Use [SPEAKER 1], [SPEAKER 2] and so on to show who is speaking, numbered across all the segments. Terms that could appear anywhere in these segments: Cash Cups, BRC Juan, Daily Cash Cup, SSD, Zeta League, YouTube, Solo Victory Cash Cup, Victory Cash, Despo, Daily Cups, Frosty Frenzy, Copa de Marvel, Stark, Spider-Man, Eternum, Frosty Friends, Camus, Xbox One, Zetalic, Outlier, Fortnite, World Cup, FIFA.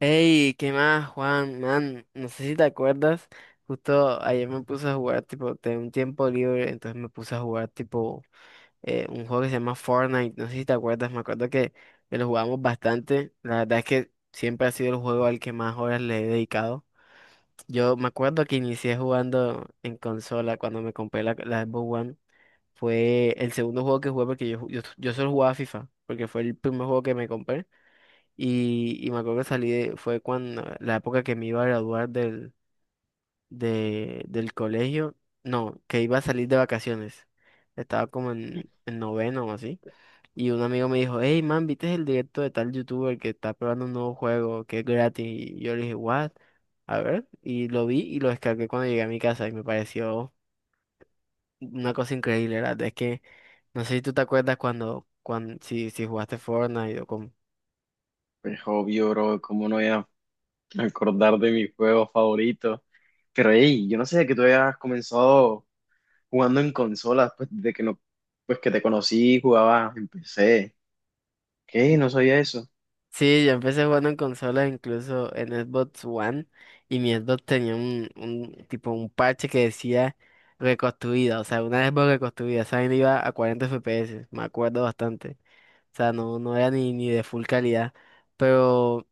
[SPEAKER 1] Hey, ¿qué más, Juan? Man, no sé si te acuerdas, justo ayer me puse a jugar, tipo, tenía un tiempo libre, entonces me puse a jugar, tipo, un juego que se llama Fortnite, no sé si te acuerdas, me acuerdo que lo jugamos bastante, la verdad es que siempre ha sido el juego al que más horas le he dedicado. Yo me acuerdo que inicié jugando en consola cuando me compré la Xbox One, fue el segundo juego que jugué porque yo solo jugaba FIFA, porque fue el primer juego que me compré. Y me acuerdo que salí, fue cuando, la época que me iba a graduar del colegio, no, que iba a salir de vacaciones. Estaba como en noveno o así. Y un amigo me dijo, hey man, ¿viste el directo de tal youtuber que está probando un nuevo juego que es gratis? Y yo le dije, what? A ver, y lo vi y lo descargué cuando llegué a mi casa y me pareció una cosa increíble, ¿verdad? Es que, no sé si tú te acuerdas cuando si jugaste Fortnite o con.
[SPEAKER 2] Pues obvio, bro, cómo no voy a acordar de mi juego favorito. Pero hey, yo no sé que tú habías comenzado jugando en consolas, pues desde que no, pues que te conocí, jugabas en PC. ¿Qué? No sabía eso.
[SPEAKER 1] Sí, yo empecé jugando en consola, incluso en Xbox One, y mi Xbox tenía un tipo un parche que decía reconstruida, o sea, una Xbox reconstruida, esa vaina iba a 40 FPS, me acuerdo bastante. O sea, no, no era ni de full calidad, pero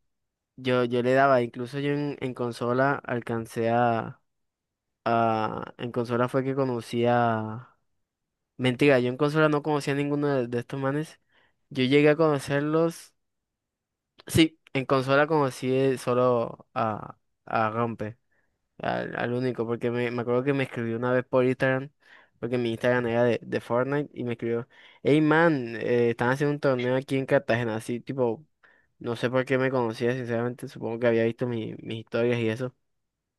[SPEAKER 1] yo le daba, incluso yo en consola alcancé a, en consola fue que conocía... Mentira, yo en consola no conocía a ninguno de estos manes. Yo llegué a conocerlos. Sí, en consola conocí solo a Rampe, al único, porque me acuerdo que me escribió una vez por Instagram, porque mi Instagram era de Fortnite, y me escribió, hey man, están haciendo un torneo aquí en Cartagena, así tipo, no sé por qué me conocía, sinceramente, supongo que había visto mis historias y eso,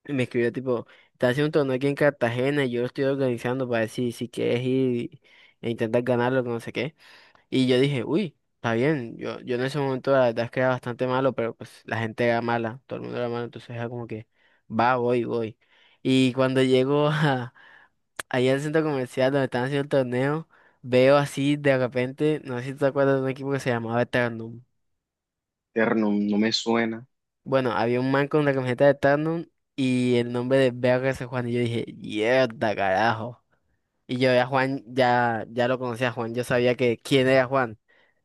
[SPEAKER 1] y me escribió tipo, están haciendo un torneo aquí en Cartagena, y yo lo estoy organizando para decir si quieres ir e intentar ganarlo, que no sé qué. Y yo dije, uy, está bien, yo en ese momento la verdad es que era bastante malo, pero pues la gente era mala, todo el mundo era malo, entonces era como que, va, voy, voy. Y cuando llego a, allá al centro comercial donde están haciendo el torneo, veo así de repente, no sé si te acuerdas de un equipo que se llamaba Eternum.
[SPEAKER 2] Terno, no me suena.
[SPEAKER 1] Bueno, había un man con la camiseta de Eternum y el nombre de BRC Juan, y yo dije, mierda, carajo. Y yo ya Juan, ya lo conocía a Juan, yo sabía que quién era Juan.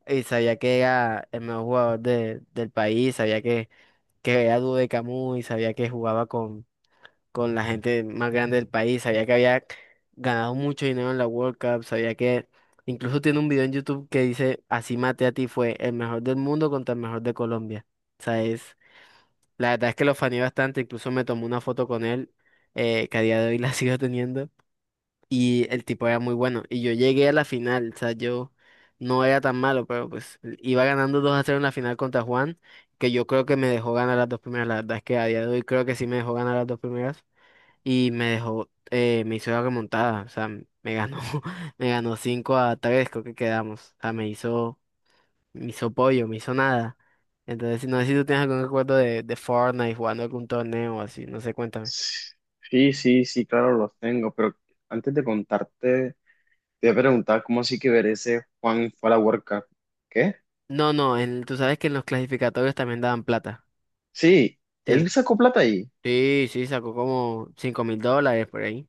[SPEAKER 1] Y sabía que era el mejor jugador del país, sabía que, era dúo de Camus y sabía que jugaba con la gente más grande del país, sabía que había ganado mucho dinero en la World Cup, sabía que incluso tiene un video en YouTube que dice, así maté a ti fue el mejor del mundo contra el mejor de Colombia. O sea, la verdad es que lo faneé bastante, incluso me tomé una foto con él, que a día de hoy la sigo teniendo. Y el tipo era muy bueno. Y yo llegué a la final, o sea, yo no era tan malo, pero pues iba ganando 2-0 en la final contra Juan, que yo creo que me dejó ganar las dos primeras. La verdad es que a día de hoy creo que sí me dejó ganar las dos primeras. Y me dejó, me hizo la remontada, o sea, me ganó, me ganó 5-3 creo que quedamos. O sea, me hizo pollo, me hizo nada. Entonces, no sé si tú tienes algún recuerdo de Fortnite jugando algún torneo o así, no sé, cuéntame.
[SPEAKER 2] Sí, sí, sí, claro, los tengo, pero antes de contarte, te voy a preguntar cómo así que ver ese Juan fue a la World Cup. ¿Qué?
[SPEAKER 1] No, no, tú sabes que en los clasificatorios también daban plata.
[SPEAKER 2] Sí, él
[SPEAKER 1] Sí.
[SPEAKER 2] sacó plata ahí.
[SPEAKER 1] Sí, sí, sacó como $5.000 por ahí.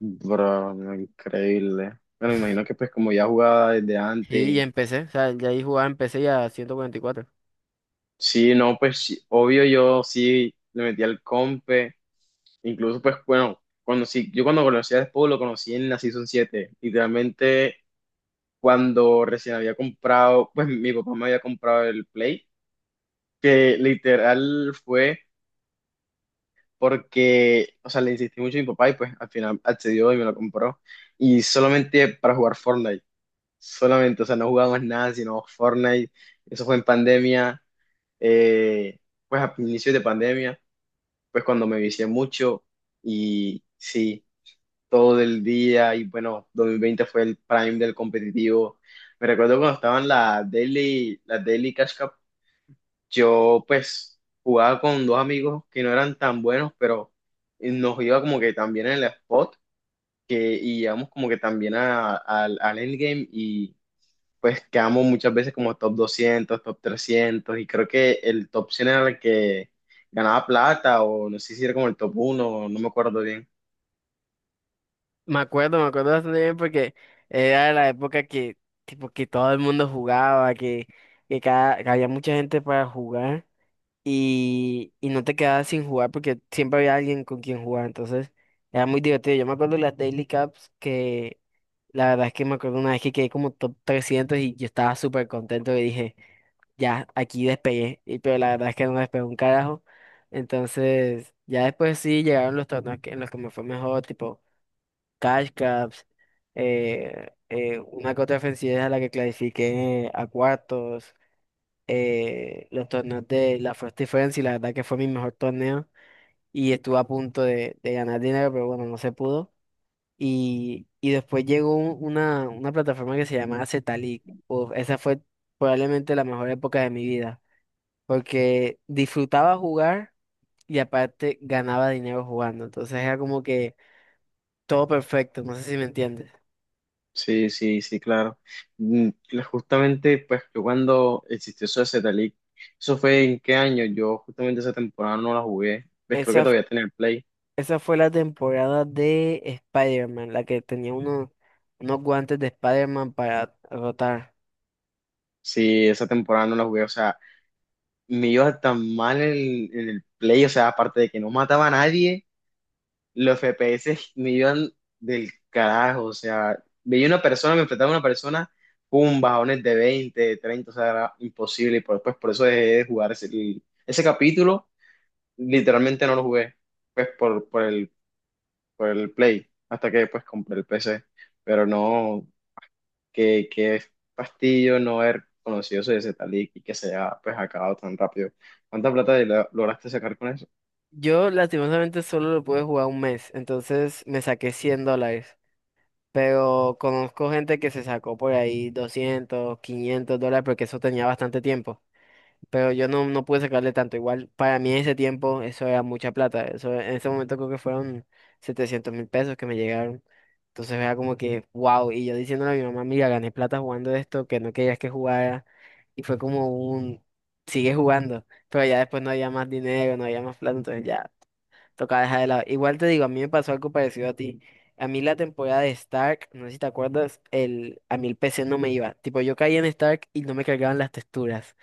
[SPEAKER 2] Bro, no, increíble. Bueno, me imagino que pues como ya jugaba desde
[SPEAKER 1] Sí, y
[SPEAKER 2] antes.
[SPEAKER 1] empecé, o sea, ya ahí jugaba, empecé ya a 144.
[SPEAKER 2] Sí, no, pues sí, obvio yo sí le metí al compe, incluso pues bueno, cuando sí, yo cuando conocí a Despo lo conocí en la Season 7, literalmente cuando recién había comprado, pues mi papá me había comprado el Play, que literal fue porque, o sea, le insistí mucho a mi papá y pues al final accedió y me lo compró, y solamente para jugar Fortnite, solamente, o sea, no jugábamos nada sino Fortnite, eso fue en pandemia, eh, pues a inicios de pandemia. Pues cuando me vicié mucho y sí, todo el día y bueno, 2020 fue el prime del competitivo. Me recuerdo cuando estaban las Daily Cash Cup, yo pues jugaba con dos amigos que no eran tan buenos, pero nos iba como que también en el spot que, y íbamos como que también al endgame y pues quedamos muchas veces como top 200, top 300 y creo que el top 100 era el que ganaba plata o no sé si era como el top 1, no me acuerdo bien.
[SPEAKER 1] Me acuerdo bastante bien porque era la época que, tipo, que todo el mundo jugaba, que había mucha gente para jugar y no te quedabas sin jugar porque siempre había alguien con quien jugar, entonces era muy divertido. Yo me acuerdo las Daily Cups que. La verdad es que me acuerdo una vez que quedé como top 300 y yo estaba súper contento y dije, ya, aquí despegué. Pero la verdad es que no despegué un carajo. Entonces, ya después sí llegaron los torneos en los que me fue mejor, tipo Cash Cups, una que otra ofensiva a la que clasifiqué a cuartos, los torneos de la Frosty Friends y la verdad que fue mi mejor torneo y estuve a punto de ganar dinero, pero bueno, no se pudo. Y después llegó una plataforma que se llamaba Zetalic. Uf, esa fue probablemente la mejor época de mi vida, porque disfrutaba jugar y aparte ganaba dinero jugando. Entonces era como que todo perfecto, no sé si me entiendes.
[SPEAKER 2] Sí, sí, sí, claro. Mm, Justamente, pues yo cuando existió eso de Zeta League, eso fue en qué año, yo justamente esa temporada no la jugué, pues creo que
[SPEAKER 1] Esa, f-
[SPEAKER 2] todavía tenía el play.
[SPEAKER 1] esa fue la temporada de Spider-Man, la que tenía unos guantes de Spider-Man para rotar.
[SPEAKER 2] Sí, esa temporada no la jugué, o sea, me iba tan mal en el play, o sea, aparte de que no mataba a nadie, los FPS me iban del carajo, o sea, veía una persona, me enfrentaba a una persona, pum, bajones de veinte, de 30, o sea, era imposible, y por, pues por eso dejé de jugar ese, ese capítulo, literalmente no lo jugué, pues por el Play, hasta que después compré el PC, pero no, que fastidio no haber conocido ese tal y que se haya pues acabado tan rápido. ¿Cuánta plata lograste sacar con eso?
[SPEAKER 1] Yo lastimosamente solo lo pude jugar un mes, entonces me saqué $100. Pero conozco gente que se sacó por ahí 200 500 dólares porque eso tenía bastante tiempo. Pero yo no, no pude sacarle tanto. Igual para mí en ese tiempo eso era mucha plata. Eso, en ese momento creo que fueron 700.000 pesos que me llegaron. Entonces era como que, wow. Y yo diciéndole a mi mamá, mira, gané plata jugando esto, que no querías que jugara. Y fue como un, sigue jugando. Pero ya después no había más dinero, no había más plata. Entonces ya. Toca dejar de lado. Igual te digo, a mí me pasó algo parecido a ti. A mí la temporada de Stark, no sé si te acuerdas, a mí el PC no me iba. Tipo, yo caía en Stark y no me cargaban las texturas.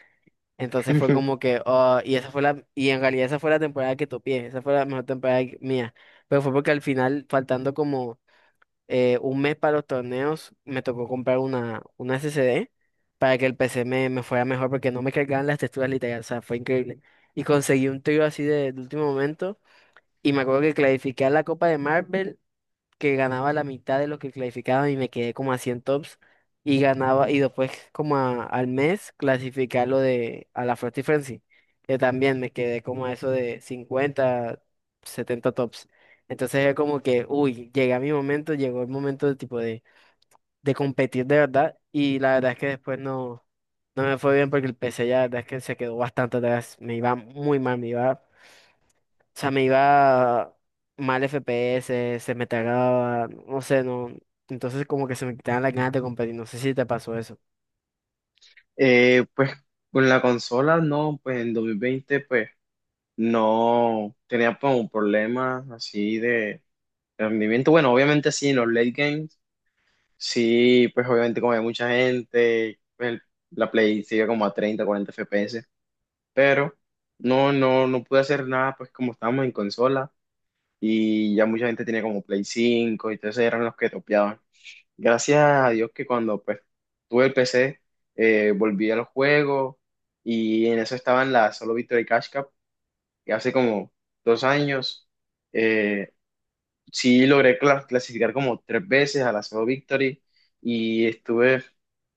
[SPEAKER 1] Entonces fue como que, oh, y esa fue la, y en realidad esa fue la temporada que topé, esa fue la mejor temporada mía. Pero fue porque al final, faltando como un mes para los torneos, me tocó comprar una SSD para que el PC me fuera mejor porque no me cargaban las texturas literal, o sea, fue increíble. Y conseguí un trío así de último momento. Y me acuerdo que clasifiqué a la Copa de Marvel, que ganaba la mitad de lo que clasificaba y me quedé como a 100 tops. Y ganaba, y después como al mes clasifiqué a lo de a la Frosty Frenzy, que también me quedé como a eso de 50 70 tops. Entonces es como que, uy, llegué a mi momento, llegó el momento de tipo de, competir de verdad. Y la verdad es que después no, no me fue bien porque el P C ya la verdad es que se quedó bastante atrás. Me iba muy mal, me iba. O sea, me iba mal FPS, se me tragaba, no sé, no. Entonces como que se me quitaban las ganas de competir. No sé si te pasó eso.
[SPEAKER 2] Pues con la consola no, pues en 2020 pues no tenía pues un problema así de rendimiento. Bueno, obviamente sí, en los late games, sí, pues obviamente como hay mucha gente, la Play sigue como a 30, 40 FPS, pero no, no, no pude hacer nada pues como estábamos en consola y ya mucha gente tenía como Play 5 y entonces eran los que topeaban. Gracias a Dios que cuando pues, tuve el PC, volví al juego y en eso estaban las Solo Victory Cash Cup, que hace como 2 años. eh, sí logré clasificar como tres veces a la Solo Victory y estuve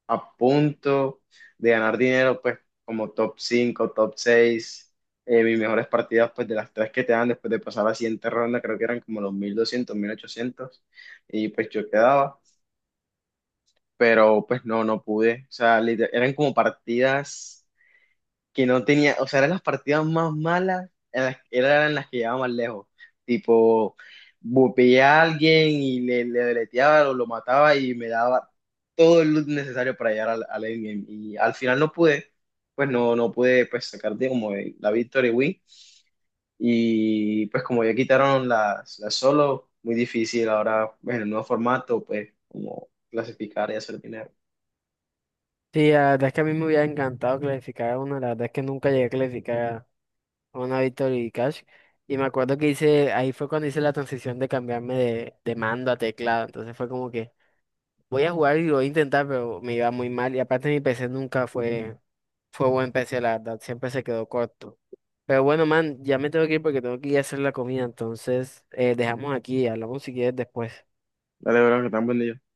[SPEAKER 2] a punto de ganar dinero, pues como top 5, top 6. Mis mejores partidas, pues de las tres que te dan después de pasar la siguiente ronda, creo que eran como los 1200, 1800 y pues yo quedaba, pero pues no, no pude. O sea, eran como partidas que no tenía, o sea, eran las partidas más malas, en eran las que llevaba más lejos. Tipo, bupeé a alguien y le deleteaba o lo mataba y me daba todo el loot necesario para llegar al endgame. Y al final no pude, pues no, no pude pues sacar de como la victory win. Y pues como ya quitaron las solo, muy difícil ahora, bueno en el nuevo formato, pues como clasificar y hacer dinero.
[SPEAKER 1] Sí, la verdad es que a mí me hubiera encantado clasificar a una. La verdad es que nunca llegué a clasificar a una Victory Cash. Y me acuerdo que hice, ahí fue cuando hice la transición de cambiarme de mando a teclado. Entonces fue como que voy a jugar y lo voy a intentar, pero me iba muy mal. Y aparte mi PC nunca fue, buen PC, la verdad. Siempre se quedó corto. Pero bueno, man, ya me tengo que ir porque tengo que ir a hacer la comida. Entonces, dejamos aquí, hablamos si quieres después.
[SPEAKER 2] Dale, bro, que tan buen día.